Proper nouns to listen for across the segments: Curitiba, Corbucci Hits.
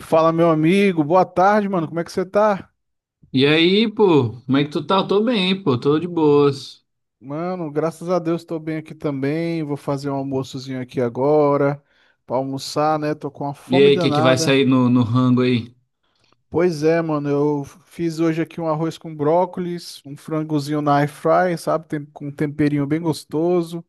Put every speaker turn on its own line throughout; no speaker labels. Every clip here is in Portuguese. Fala, meu amigo. Boa tarde, mano. Como é que você tá?
E aí, pô, como é que tu tá? Tô bem, pô, tô de boas.
Mano, graças a Deus tô bem aqui também. Vou fazer um almoçozinho aqui agora pra almoçar, né? Tô com uma
E
fome
aí, o que que vai
danada.
sair no rango aí?
Pois é, mano. Eu fiz hoje aqui um arroz com brócolis, um frangozinho na air fry, sabe? Com um temperinho bem gostoso.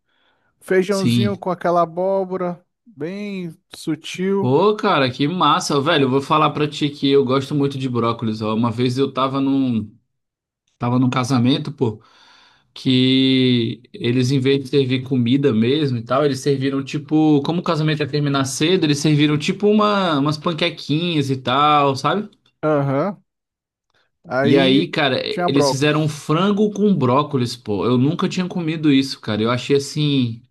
Feijãozinho
Sim.
com aquela abóbora, bem sutil.
Pô, cara, que massa, velho. Eu vou falar pra ti que eu gosto muito de brócolis, ó. Uma vez eu tava tava num casamento, pô, que eles, em vez de servir comida mesmo e tal, eles serviram tipo, como o casamento ia terminar cedo, eles serviram tipo umas panquequinhas e tal, sabe?
Aham.
E aí,
Aí
cara,
tinha
eles fizeram um
brócolis.
frango com brócolis, pô. Eu nunca tinha comido isso, cara. Eu achei assim.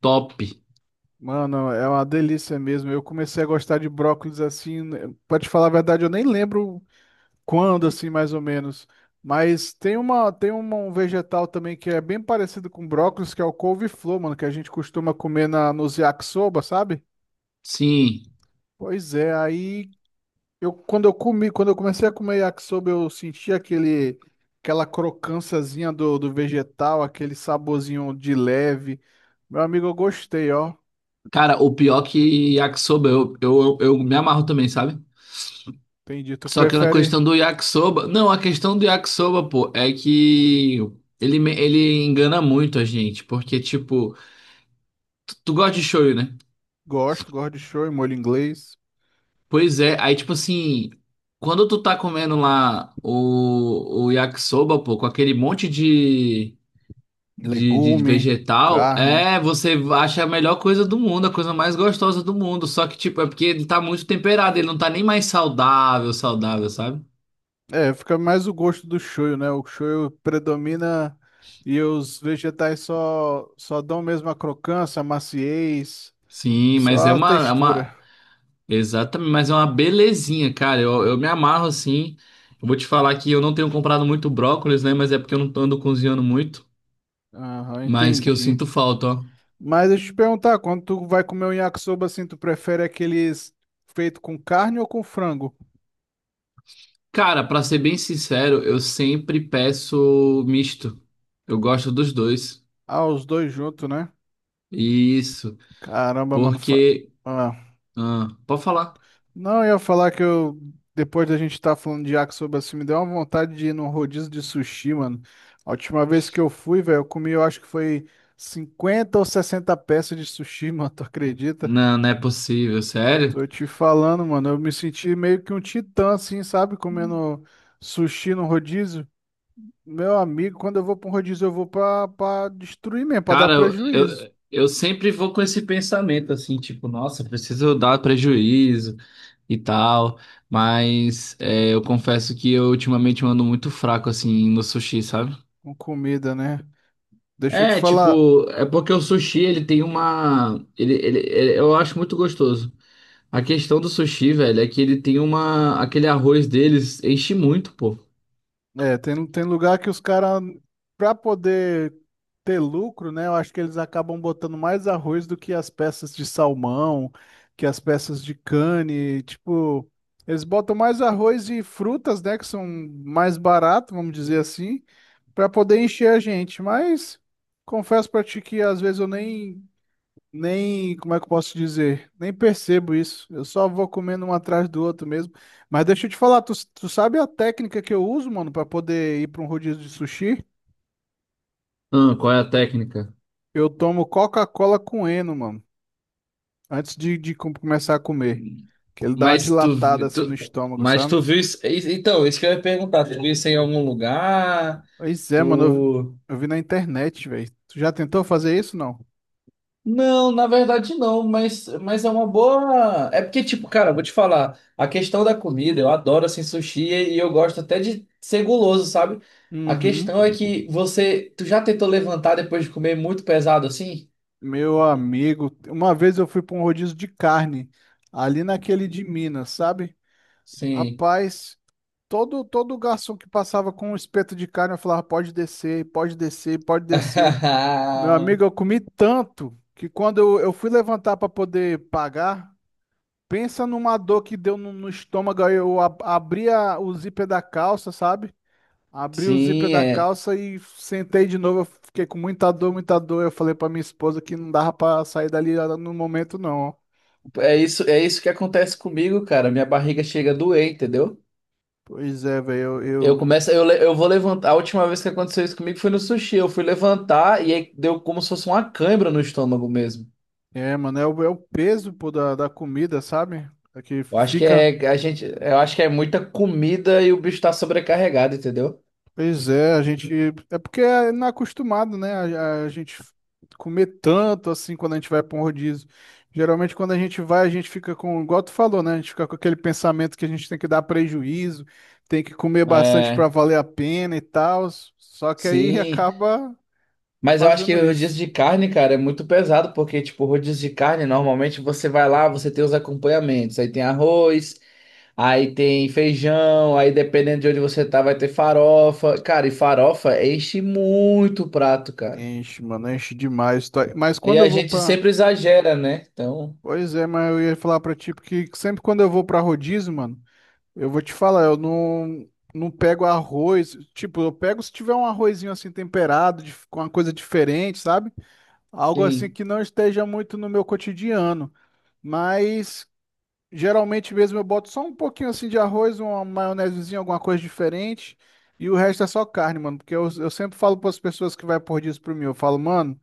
Top.
Mano, é uma delícia mesmo. Eu comecei a gostar de brócolis assim, né, pra te falar a verdade, eu nem lembro quando assim, mais ou menos. Mas um vegetal também que é bem parecido com brócolis, que é o couve-flor, mano, que a gente costuma comer na nos yakisoba, sabe?
Sim.
Pois é, aí eu quando eu comi, quando eu comecei a comer yakisoba, eu senti aquele aquela crocânciazinha do vegetal, aquele saborzinho de leve. Meu amigo, eu gostei, ó.
Cara, o pior que yakisoba, eu me amarro também, sabe?
Entendi. Tu
Só que na
prefere.
questão do yakisoba. Não, a questão do yakisoba, pô, é que ele engana muito a gente. Porque, tipo, tu gosta de shoyu, né?
Gosto de shoyu, molho inglês,
Pois é, aí, tipo assim, quando tu tá comendo lá o yakisoba, pô, com aquele monte de. De
legume,
vegetal,
carne.
é, você acha a melhor coisa do mundo, a coisa mais gostosa do mundo. Só que, tipo, é porque ele tá muito temperado, ele não tá nem mais saudável, sabe?
É, fica mais o gosto do shoyu, né? O shoyu predomina e os vegetais só dão mesmo a crocância, a maciez,
Sim,
só
mas é
a
uma, é
textura.
uma, exatamente, mas é uma belezinha, cara. Eu me amarro assim. Eu vou te falar que eu não tenho comprado muito brócolis, né? Mas é porque eu não ando cozinhando muito.
Aham,
Mas que eu
entendi.
sinto falta, ó.
Mas deixa eu te perguntar, quando tu vai comer um yakisoba assim, tu prefere aqueles feito com carne ou com frango?
Cara, pra ser bem sincero, eu sempre peço misto. Eu gosto dos dois.
Ah, os dois juntos, né?
Isso,
Caramba, mano.
porque
Ah.
Ah, pode falar.
Não, eu ia falar que eu, depois da gente estar falando de yakisoba assim, me deu uma vontade de ir num rodízio de sushi, mano. A última vez que eu fui, velho, eu comi, eu acho que foi 50 ou 60 peças de sushi, mano, tu acredita?
Não, não é possível, sério?
Tô te falando, mano, eu me senti meio que um titã, assim, sabe? Comendo sushi no rodízio. Meu amigo, quando eu vou pra um rodízio, eu vou pra, destruir mesmo, pra dar
Cara, eu,
prejuízo
eu, eu sempre vou com esse pensamento assim, tipo, nossa, preciso dar prejuízo e tal, mas é, eu confesso que eu ultimamente ando muito fraco assim no sushi, sabe?
com comida, né? Deixa eu te
É,
falar.
tipo, é porque o sushi ele tem uma. Eu acho muito gostoso. A questão do sushi, velho, é que ele tem uma. Aquele arroz deles enche muito, pô.
É, tem lugar que os caras, para poder ter lucro, né? Eu acho que eles acabam botando mais arroz do que as peças de salmão, que as peças de cane. Tipo, eles botam mais arroz e frutas, né? Que são mais barato, vamos dizer assim, para poder encher a gente. Mas confesso pra ti que às vezes eu nem, como é que eu posso dizer? Nem percebo isso. Eu só vou comendo um atrás do outro mesmo. Mas deixa eu te falar, tu sabe a técnica que eu uso, mano, pra poder ir pra um rodízio de sushi?
Ah, qual é a técnica?
Eu tomo Coca-Cola com Eno, mano, antes de começar a comer. Que ele dá uma
Mas tu,
dilatada assim no estômago,
mas
sabe?
tu viu isso? Então, isso que eu ia perguntar. Tu viu isso em algum lugar?
Pois é, mano, eu,
Tu.
eu vi na internet, velho. Tu já tentou fazer isso, não?
Não, na verdade não, mas é uma boa. É porque, tipo, cara, eu vou te falar, a questão da comida, eu adoro assim sushi e eu gosto até de ser guloso, sabe? A
Uhum.
questão é que você. Tu já tentou levantar depois de comer muito pesado assim?
Meu amigo, uma vez eu fui pra um rodízio de carne, ali naquele de Minas, sabe?
Sim.
Rapaz. Todo garçom que passava com um espeto de carne, eu falava, pode descer, pode descer, pode descer. Meu amigo, eu comi tanto que quando eu fui levantar para poder pagar, pensa numa dor que deu no estômago. Aí Eu abri o zíper da calça, sabe? Abri o zíper
Sim,
da calça e sentei de novo. Eu fiquei com muita dor, muita dor. Eu falei para minha esposa que não dava para sair dali no momento, não.
é isso que acontece comigo, cara. Minha barriga chega a doer, entendeu?
Pois é, velho,
Eu
eu-
começo, eu vou levantar. A última vez que aconteceu isso comigo foi no sushi. Eu fui levantar e aí deu como se fosse uma cãibra no estômago mesmo.
é, mano, é o peso, pô, da comida, sabe? É que
Eu acho que
fica.
é a gente, eu acho que é muita comida e o bicho tá sobrecarregado, entendeu?
Pois é, a gente. É porque é não é acostumado, né? A gente comer tanto assim quando a gente vai para um rodízio. Geralmente, quando a gente vai, a gente fica com, igual tu falou, né? A gente fica com aquele pensamento que a gente tem que dar prejuízo, tem que comer bastante para
É,
valer a pena e tal. Só que aí
sim.
acaba
Mas eu acho que
fazendo
o rodízio
isso.
de carne, cara, é muito pesado, porque, tipo, rodízio de carne, normalmente você vai lá, você tem os acompanhamentos. Aí tem arroz, aí tem feijão, aí dependendo de onde você tá, vai ter farofa. Cara, e farofa enche muito o prato, cara.
Enche, mano, enche demais. Mas
E
quando eu
a
vou
gente
para.
sempre exagera, né? Então,
Pois é, mas eu ia falar pra ti, porque sempre quando eu vou pra rodízio, mano. Eu vou te falar, eu não pego arroz. Tipo, eu pego se tiver um arrozinho assim temperado, com uma coisa diferente, sabe? Algo assim
sim.
que não esteja muito no meu cotidiano. Mas geralmente mesmo eu boto só um pouquinho assim de arroz, uma maionesezinha, alguma coisa diferente. E o resto é só carne, mano. Porque eu sempre falo para as pessoas que vai por disso para mim. Eu falo, mano,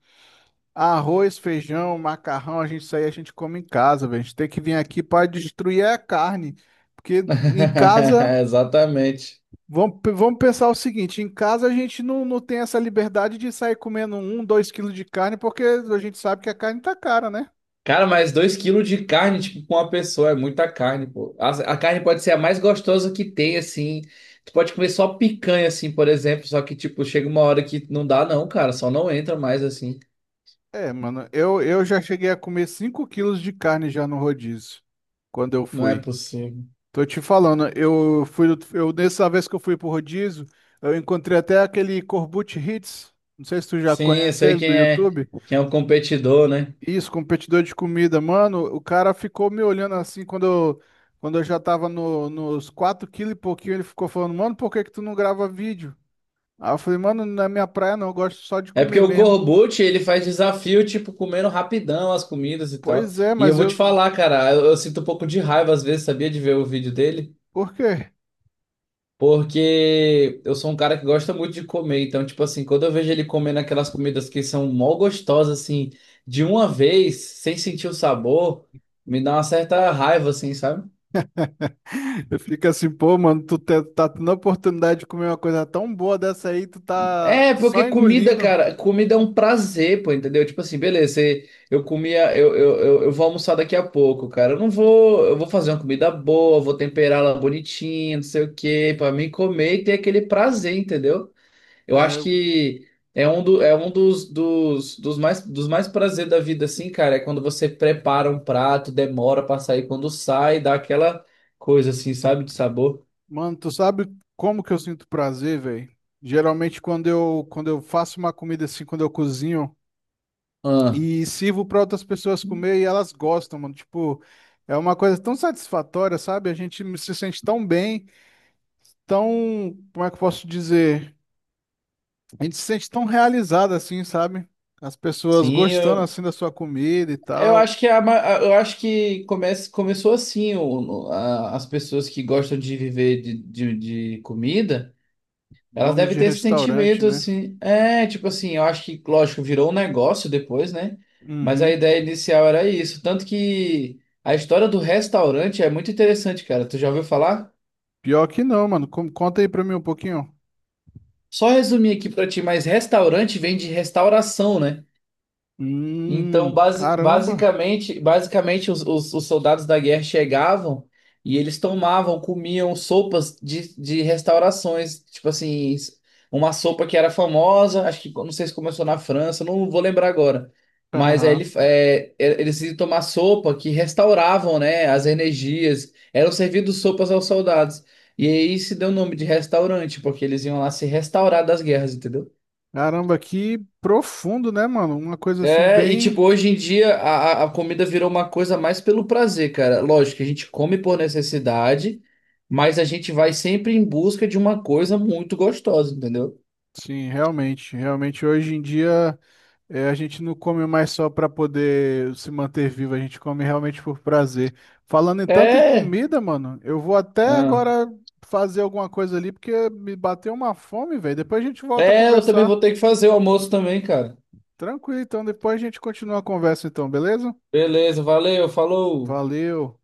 arroz, feijão, macarrão, a gente isso aí a gente come em casa, velho. A gente tem que vir aqui para destruir é a carne. Porque em casa.
Exatamente.
Vamos pensar o seguinte, em casa a gente não tem essa liberdade de sair comendo um, 2 quilos de carne, porque a gente sabe que a carne tá cara, né?
Cara, mas dois quilos de carne, tipo, com uma pessoa, é muita carne, pô. A carne pode ser a mais gostosa que tem, assim. Tu pode comer só picanha, assim, por exemplo. Só que, tipo, chega uma hora que não dá, não, cara. Só não entra mais, assim.
É, mano, eu já cheguei a comer 5 quilos de carne já no rodízio, quando eu
Não é
fui.
possível.
Tô te falando, nessa vez que eu fui pro rodízio, eu encontrei até aquele Corbucci Hits, não sei se tu já
Sim, eu
conhece
sei
ele do YouTube.
quem é o competidor, né?
Isso, competidor de comida. Mano, o cara ficou me olhando assim quando eu, já tava nos 4 quilos e pouquinho. Ele ficou falando, mano, por que que tu não grava vídeo? Aí eu falei, mano, não é minha praia não, eu gosto só de
É porque
comer
o
mesmo.
Corbucci, ele faz desafio, tipo, comendo rapidão as comidas e tal.
Pois é,
E eu
mas
vou te
eu.
falar, cara, eu sinto um pouco de raiva às vezes, sabia, de ver o vídeo dele?
Por quê?
Porque eu sou um cara que gosta muito de comer. Então, tipo assim, quando eu vejo ele comendo aquelas comidas que são mó gostosas, assim, de uma vez, sem sentir o sabor, me dá uma certa raiva, assim, sabe?
Eu fico assim, pô, mano, tu tá tendo a oportunidade de comer uma coisa tão boa dessa aí, tu tá
É, porque
só
comida,
engolindo.
cara, comida é um prazer, pô, entendeu? Tipo assim, beleza, você- eu comia, eu vou almoçar daqui a pouco, cara. Eu não vou, eu vou fazer uma comida boa, vou temperá-la bonitinha, não sei o quê, pra mim comer e ter aquele prazer, entendeu? Eu acho
É,
que é é um dos mais prazer da vida, assim, cara, é quando você prepara um prato, demora pra sair, quando sai, dá aquela coisa assim, sabe, de sabor.
mano, tu sabe como que eu sinto prazer, velho? Geralmente quando eu faço uma comida assim, quando eu cozinho.
Ah,
E sirvo para outras pessoas comer e elas gostam, mano. Tipo, é uma coisa tão satisfatória, sabe? A gente se sente tão bem, tão, como é que eu posso dizer? A gente se sente tão realizado assim, sabe? As pessoas gostando
sim,
assim da sua comida e
eu
tal,
acho que é a eu acho que começou assim, as pessoas que gostam de viver de comida, elas
donos
devem
de
ter esse
restaurante,
sentimento
né?
assim. É, tipo assim, eu acho que, lógico, virou um negócio depois, né? Mas a
Uhum.
ideia inicial era isso. Tanto que a história do restaurante é muito interessante, cara. Tu já ouviu falar?
Pior que não, mano. Conta aí pra mim um pouquinho.
Só resumir aqui pra ti, mas restaurante vem de restauração, né? Então,
Caramba.
basicamente os, os soldados da guerra chegavam e eles tomavam, comiam sopas de restaurações, tipo assim, uma sopa que era famosa, acho que não sei se começou na França, não vou lembrar agora. Mas aí
Aham.
ele, eles iam tomar sopa que restauravam, né, as energias, eram servidos sopas aos soldados. E aí se deu o nome de restaurante, porque eles iam lá se restaurar das guerras, entendeu?
Caramba, que profundo, né, mano? Uma coisa assim
É, e
bem.
tipo, hoje em dia a comida virou uma coisa mais pelo prazer, cara. Lógico que a gente come por necessidade, mas a gente vai sempre em busca de uma coisa muito gostosa, entendeu?
Sim, realmente hoje em dia a gente não come mais só para poder se manter vivo, a gente come realmente por prazer. Falando em tanto em
É,
comida, mano, eu vou até
ah.
agora fazer alguma coisa ali porque me bateu uma fome, velho. Depois a gente volta a
É, eu também
conversar.
vou ter que fazer o almoço também, cara.
Tranquilo, então depois a gente continua a conversa então, beleza?
Beleza, valeu, falou.
Valeu.